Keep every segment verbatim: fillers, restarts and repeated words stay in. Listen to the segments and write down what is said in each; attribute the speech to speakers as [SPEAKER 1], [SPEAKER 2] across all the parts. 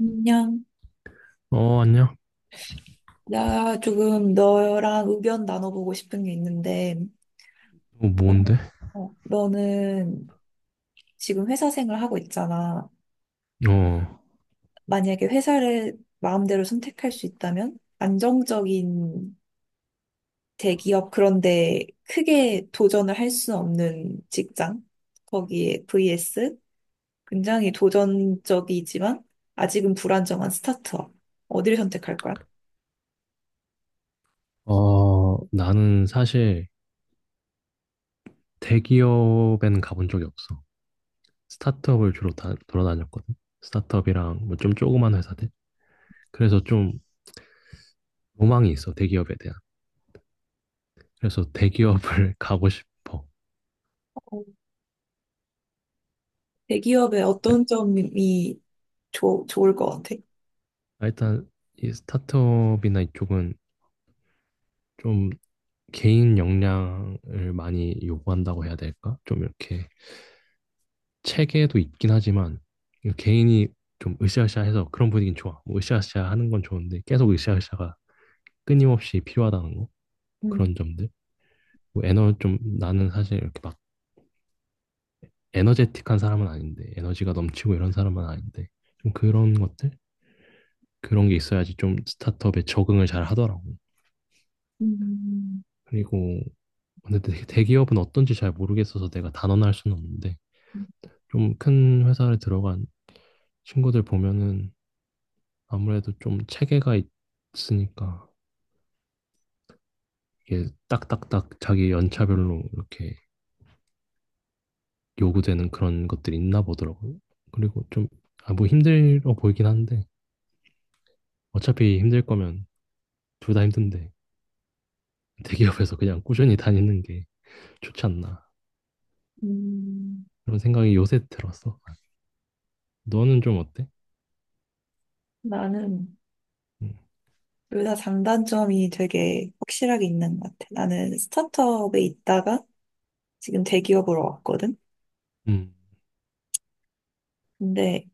[SPEAKER 1] 안녕.
[SPEAKER 2] 어, 안녕.
[SPEAKER 1] 나 조금 너랑 의견 나눠보고 싶은 게 있는데,
[SPEAKER 2] 어,
[SPEAKER 1] 어,
[SPEAKER 2] 뭔데?
[SPEAKER 1] 어, 너는 지금 회사 생활 하고 있잖아.
[SPEAKER 2] 어,
[SPEAKER 1] 만약에 회사를 마음대로 선택할 수 있다면, 안정적인 대기업 그런데 크게 도전을 할 수 없는 직장, 거기에 vs 굉장히 도전적이지만 아직은 불안정한 스타트업. 어디를 선택할 거야?
[SPEAKER 2] 어, 나는 사실 대기업에는 가본 적이 없어. 스타트업을 주로 다, 돌아다녔거든. 스타트업이랑 뭐 좀 조그만 회사들. 그래서 좀 로망이 있어, 대기업에 대한. 그래서 대기업을 가고 싶어.
[SPEAKER 1] 어, 대기업의 어떤 점이 좋, 좋을 것 같아?
[SPEAKER 2] 아, 일단 이 스타트업이나 이쪽은 좀 개인 역량을 많이 요구한다고 해야 될까? 좀 이렇게 체계도 있긴 하지만 이거 개인이 좀 으쌰으쌰해서 그런 분위기는 좋아. 뭐 으쌰으쌰 하는 건 좋은데 계속 으쌰으쌰가 끊임없이 필요하다는 거
[SPEAKER 1] 음,
[SPEAKER 2] 그런 점들. 뭐 에너 좀 나는 사실 이렇게 막 에너제틱한 사람은 아닌데 에너지가 넘치고 이런 사람은 아닌데 좀 그런 것들 그런 게 있어야지 좀 스타트업에 적응을 잘 하더라고.
[SPEAKER 1] 음,
[SPEAKER 2] 그리고 근데 대- 대기업은 어떤지 잘 모르겠어서 내가 단언할 수는 없는데 좀 큰 회사를 들어간 친구들 보면은 아무래도 좀 체계가 있으니까 이게 딱딱딱 자기 연차별로 이렇게 요구되는 그런 것들이 있나 보더라고요. 그리고 좀, 아, 뭐 힘들어 보이긴 한데, 어차피 힘들 거면 둘 다 힘든데, 대기업에서 그냥 꾸준히 다니는 게 좋지 않나.
[SPEAKER 1] 음.
[SPEAKER 2] 그런 생각이 요새 들었어. 너는 좀 어때?
[SPEAKER 1] 나는
[SPEAKER 2] 음,
[SPEAKER 1] 둘 다 장단점이 되게 확실하게 있는 것 같아. 나는 스타트업에 있다가 지금 대기업으로 왔거든.
[SPEAKER 2] 음,
[SPEAKER 1] 근데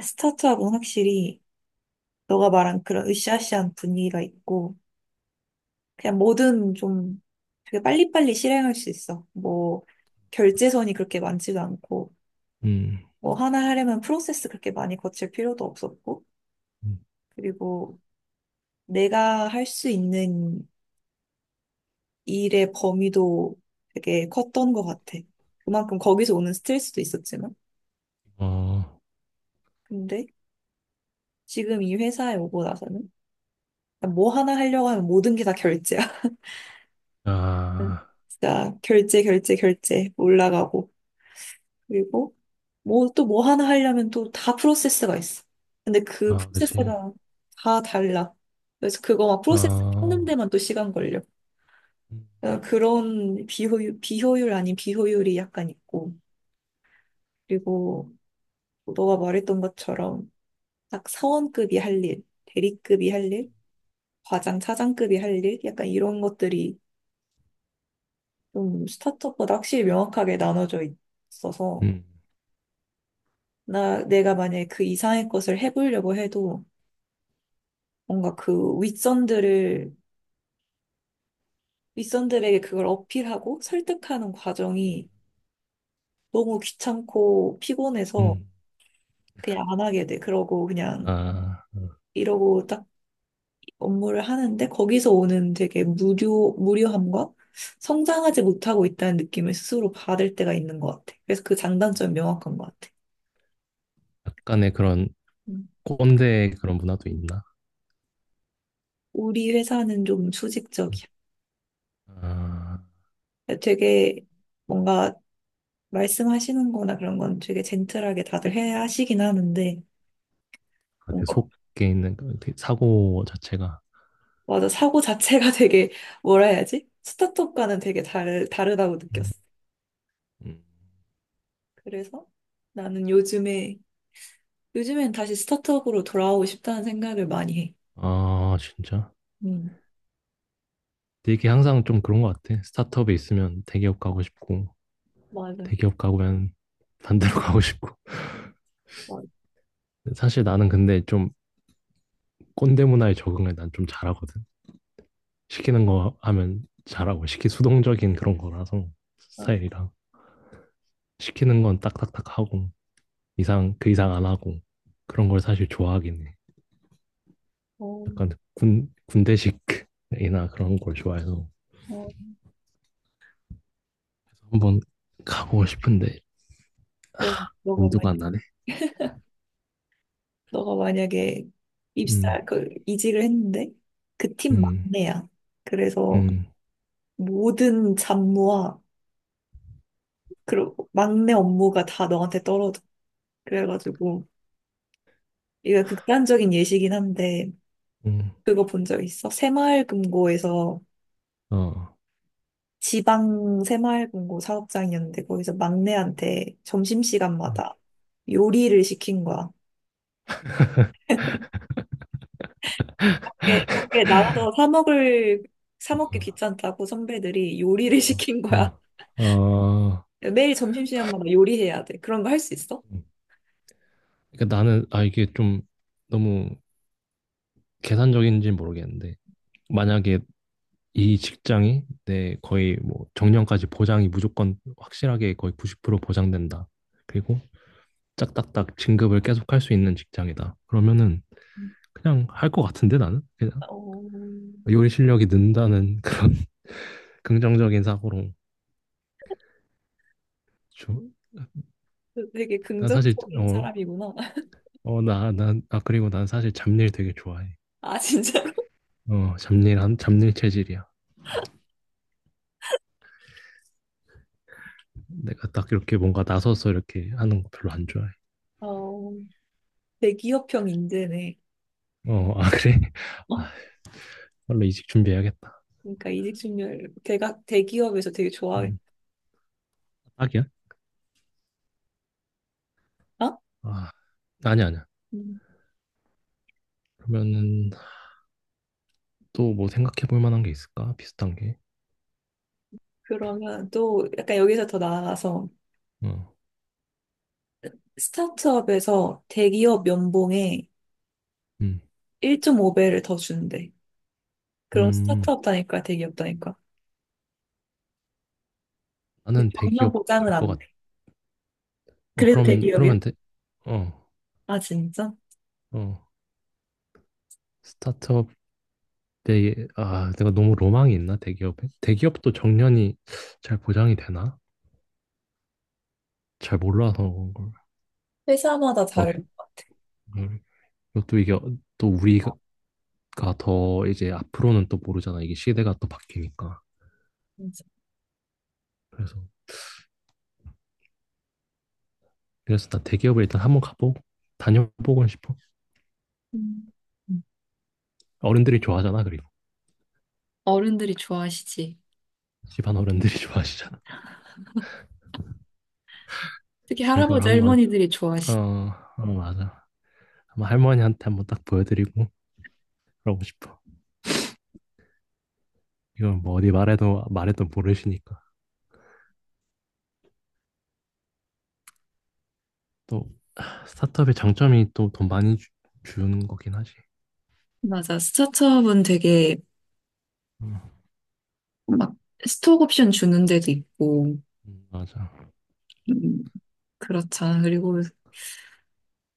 [SPEAKER 1] 스타트업은 확실히 너가 말한 그런 으쌰으쌰한 분위기가 있고 그냥 뭐든 좀 되게 빨리빨리 실행할 수 있어. 뭐
[SPEAKER 2] 맞아.
[SPEAKER 1] 결제선이 그렇게 많지도 않고
[SPEAKER 2] 음,
[SPEAKER 1] 뭐 하나 하려면 프로세스 그렇게 많이 거칠 필요도 없었고,
[SPEAKER 2] 음.
[SPEAKER 1] 그리고 내가 할 수 있는 일의 범위도 되게 컸던 것 같아. 그만큼 거기서 오는 스트레스도 있었지만.
[SPEAKER 2] 어,
[SPEAKER 1] 근데 지금 이 회사에 오고 나서는 뭐 하나 하려고 하면 모든 게 다 결제야.
[SPEAKER 2] 아,
[SPEAKER 1] 진짜 결제, 결제, 결제 올라가고. 그리고 뭐 또 뭐 하나 하려면 또 다 프로세스가 있어. 근데 그
[SPEAKER 2] 아, 그치.
[SPEAKER 1] 프로세스가 다 달라. 그래서 그거 막 프로세스 찾는
[SPEAKER 2] 아,
[SPEAKER 1] 데만 또 시간 걸려.
[SPEAKER 2] 음,
[SPEAKER 1] 그러니까 그런 비효율, 비효율 아닌 비효율이 약간 있고. 그리고 너가 말했던 것처럼 딱 사원급이 할 일, 대리급이 할 일, 과장, 차장급이 할 일, 약간 이런 것들이 좀 스타트업보다 확실히 명확하게 나눠져 있어서
[SPEAKER 2] 음,
[SPEAKER 1] 나 내가 만약에 그 이상의 것을 해보려고 해도 뭔가 그 윗선들을 윗선들에게 그걸 어필하고 설득하는 과정이 너무 귀찮고 피곤해서
[SPEAKER 2] 음.
[SPEAKER 1] 그냥 안 하게 돼. 그러고 그냥
[SPEAKER 2] 아,
[SPEAKER 1] 이러고 딱 업무를 하는데 거기서 오는 되게 무료, 무료함과 성장하지 못하고 있다는 느낌을 스스로 받을 때가 있는 것 같아. 그래서 그 장단점이 명확한 것 같아.
[SPEAKER 2] 약간의 그런
[SPEAKER 1] 음.
[SPEAKER 2] 꼰대 그런 문화도 있나?
[SPEAKER 1] 우리 회사는 좀
[SPEAKER 2] 음.
[SPEAKER 1] 수직적이야.
[SPEAKER 2] 아,
[SPEAKER 1] 되게 뭔가 말씀하시는 거나 그런 건 되게 젠틀하게 다들 해 하시긴 하는데
[SPEAKER 2] 같아.
[SPEAKER 1] 뭔가
[SPEAKER 2] 속에 있는 그 되게 사고 자체가.
[SPEAKER 1] 맞아, 사고 자체가 되게 뭐라 해야지? 스타트업과는 되게 다르, 다르다고
[SPEAKER 2] 음.
[SPEAKER 1] 느꼈어. 그래서 나는 요즘에 요즘엔 다시 스타트업으로 돌아오고 싶다는 생각을 많이
[SPEAKER 2] 아, 진짜.
[SPEAKER 1] 해.
[SPEAKER 2] 근데 이게 항상 좀 그런 것 같아. 스타트업에 있으면 대기업 가고 싶고,
[SPEAKER 1] 맞아,
[SPEAKER 2] 대기업 가면 반대로 가고 싶고.
[SPEAKER 1] 맞아.
[SPEAKER 2] 사실 나는 근데 좀 꼰대 문화에 적응을 난 좀 잘하거든. 시키는 거 하면 잘하고, 시키 수동적인 그런 거라서 스타일이랑. 시키는 건 딱딱딱 하고, 이상, 그 이상 안 하고. 그런 걸 사실 좋아하긴 해.
[SPEAKER 1] 어,
[SPEAKER 2] 약간 군, 군대식이나 그런 걸 좋아해서.
[SPEAKER 1] 어.
[SPEAKER 2] 한 번 가보고 싶은데
[SPEAKER 1] 그럼 너가
[SPEAKER 2] 엄두가
[SPEAKER 1] 만약
[SPEAKER 2] 안 나네.
[SPEAKER 1] 너가 만약에
[SPEAKER 2] 음,
[SPEAKER 1] 입사 그 이직을 했는데 그 팀
[SPEAKER 2] 음,
[SPEAKER 1] 막내야. 그래서
[SPEAKER 2] 음,
[SPEAKER 1] 모든 잡무와 그리고 막내 업무가 다 너한테 떨어져. 그래가지고 이거 극단적인 예시긴 한데,
[SPEAKER 2] 음,
[SPEAKER 1] 그거 본 적 있어? 새마을금고에서,
[SPEAKER 2] 어,
[SPEAKER 1] 지방 새마을금고 사업장이었는데 거기서 막내한테
[SPEAKER 2] 어,
[SPEAKER 1] 점심시간마다 요리를 시킨 거야. 밖에, 밖에 나가서 사 먹을, 사 먹기 귀찮다고 선배들이 요리를 시킨 거야.
[SPEAKER 2] 어, 어, 어.
[SPEAKER 1] 매일 점심시간마다 요리해야 돼. 그런 거 할 수 있어?
[SPEAKER 2] 그러니까 나는 아 이게 좀 너무 계산적인지 모르겠는데 만약에 이 직장이 내 거의 뭐 정년까지 보장이 무조건 확실하게 거의 구십 퍼센트 보장된다. 그리고 짝딱딱 진급을 계속할 수 있는 직장이다. 그러면은
[SPEAKER 1] 음.
[SPEAKER 2] 그냥 할 것 같은데 나는 그냥
[SPEAKER 1] 어,
[SPEAKER 2] 요리 실력이 는다는 그런 긍정적인 사고로 조,
[SPEAKER 1] 되게
[SPEAKER 2] 난 사실
[SPEAKER 1] 긍정적인
[SPEAKER 2] 어,
[SPEAKER 1] 사람이구나.
[SPEAKER 2] 어, 나, 난, 아, 그리고 난 사실 잡일 되게 좋아해.
[SPEAKER 1] 아, 진짜로?
[SPEAKER 2] 어, 잡일 한 잡일 체질이야. 내가 딱 이렇게 뭔가 나서서 이렇게 하는 거 별로 안 좋아해.
[SPEAKER 1] 어, 대기업형 인재네.
[SPEAKER 2] 어, 아 그래?
[SPEAKER 1] 어,
[SPEAKER 2] 아, 빨리 이직 준비해야겠다.
[SPEAKER 1] 그러니까 이직준결 대각 대기업에서 되게 좋아해.
[SPEAKER 2] 음, 딱이야?
[SPEAKER 1] 어?
[SPEAKER 2] 아, 아니 야 아니야. 아니야.
[SPEAKER 1] 음,
[SPEAKER 2] 그러면은 또 뭐 생각해 볼 만한 게 있을까? 비슷한 게.
[SPEAKER 1] 그러면 또 약간 여기서 더 나아가서
[SPEAKER 2] 어,
[SPEAKER 1] 스타트업에서 대기업 연봉의
[SPEAKER 2] 음,
[SPEAKER 1] 일 점 오 배를 더 주는데. 그런
[SPEAKER 2] 음,
[SPEAKER 1] 스타트업 다니까 대기업 다니까. 근데
[SPEAKER 2] 나는
[SPEAKER 1] 전혀
[SPEAKER 2] 대기업 갈
[SPEAKER 1] 보장은
[SPEAKER 2] 것
[SPEAKER 1] 안
[SPEAKER 2] 같.
[SPEAKER 1] 돼.
[SPEAKER 2] 어,
[SPEAKER 1] 그래도
[SPEAKER 2] 그러면
[SPEAKER 1] 대기업이야?
[SPEAKER 2] 그러면 돼. 어,
[SPEAKER 1] 아, 진짜?
[SPEAKER 2] 어, 내, 아, 내가 너무 로망이 있나, 대기업에? 대기업도 정년이 잘 보장이 되나? 잘 몰라서 그런 걸.
[SPEAKER 1] 회사마다
[SPEAKER 2] 어,
[SPEAKER 1] 다를 것 같아.
[SPEAKER 2] 또 이게, 또 우리가 더 이제 앞으로는 또 모르잖아. 이게 시대가 또 바뀌니까.
[SPEAKER 1] 진짜.
[SPEAKER 2] 그래서, 그래서 나 대기업에 일단 한번 가보고, 다녀보고 싶어.
[SPEAKER 1] 음. 음.
[SPEAKER 2] 어른들이 좋아하잖아, 그리고.
[SPEAKER 1] 어른들이 좋아하시지.
[SPEAKER 2] 집안 어른들이 좋아하시잖아.
[SPEAKER 1] 특히
[SPEAKER 2] 그걸
[SPEAKER 1] 할아버지,
[SPEAKER 2] 한번,
[SPEAKER 1] 할머니들이
[SPEAKER 2] 어,
[SPEAKER 1] 좋아하시.
[SPEAKER 2] 어, 맞아. 한번 할머니한테 한번 딱 보여드리고, 그러고 싶어. 이건 뭐 어디 말해도, 말해도 모르시니까. 또 스타트업의 장점이 또 돈 많이 주, 주는 거긴 하지.
[SPEAKER 1] 맞아. 스타트업은 되게
[SPEAKER 2] 음,
[SPEAKER 1] 막 스톡 옵션 주는 데도 있고,
[SPEAKER 2] 음, 맞아.
[SPEAKER 1] 음, 그렇잖아. 그리고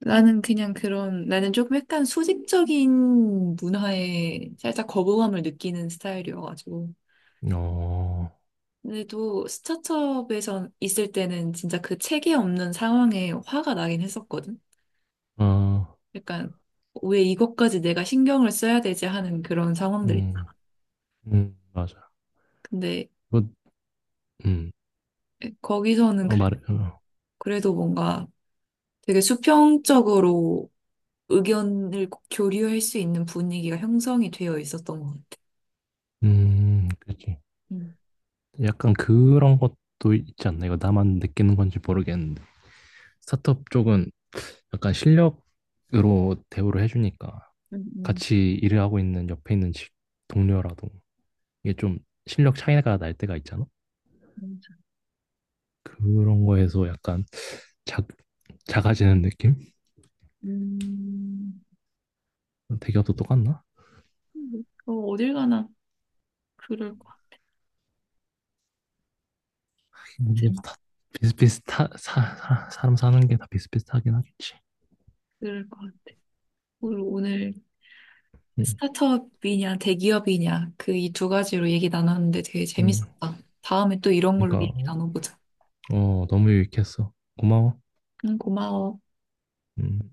[SPEAKER 1] 나는 그냥 그런, 나는 조금 약간 수직적인 문화에 살짝 거부감을 느끼는 스타일이어가지고.
[SPEAKER 2] 어,
[SPEAKER 1] 근데 또 스타트업에서 있을 때는 진짜 그 체계 없는 상황에 화가 나긴 했었거든.
[SPEAKER 2] 어,
[SPEAKER 1] 약간 왜 이것까지 내가 신경을 써야 되지 하는 그런 상황들 있죠.
[SPEAKER 2] 음, 음, 맞아.
[SPEAKER 1] 근데
[SPEAKER 2] 그, 음,
[SPEAKER 1] 거기서는
[SPEAKER 2] 어,
[SPEAKER 1] 그래-
[SPEAKER 2] 말해, 어,
[SPEAKER 1] 그래도 뭔가 되게 수평적으로 의견을 교류할 수 있는 분위기가 형성이 되어 있었던 것 같아.
[SPEAKER 2] 음, 그렇지.
[SPEAKER 1] 음,
[SPEAKER 2] 약간 그런 것도 있지 않나? 이거 나만 느끼는 건지 모르겠는데. 스타트업 쪽은 약간 실력으로 대우를 해주니까
[SPEAKER 1] 음, 음,
[SPEAKER 2] 같이 일을 하고 있는 옆에 있는 직- 동료라도 이게 좀 실력 차이가 날 때가 있잖아?
[SPEAKER 1] 맞아.
[SPEAKER 2] 그런 거에서 약간 작, 작아지는 느낌?
[SPEAKER 1] 음,
[SPEAKER 2] 대기업도 똑같나?
[SPEAKER 1] 음, 음. 어, 어딜 가나 그럴 것 같아.
[SPEAKER 2] 근데 뭐
[SPEAKER 1] 진짜
[SPEAKER 2] 다 비슷비슷하 사, 사- 사람 사는 게 다 비슷비슷하긴 하겠지.
[SPEAKER 1] 그럴 것 같아. 오늘 오늘
[SPEAKER 2] 응,
[SPEAKER 1] 스타트업이냐 대기업이냐 그 이 두 가지로 얘기 나눴는데 되게
[SPEAKER 2] 응.
[SPEAKER 1] 재밌었다. 다음에 또 이런 걸로
[SPEAKER 2] 그러니까
[SPEAKER 1] 얘기 나눠보자.
[SPEAKER 2] 어 너무 유익했어. 고마워.
[SPEAKER 1] 응, 고마워.
[SPEAKER 2] 음.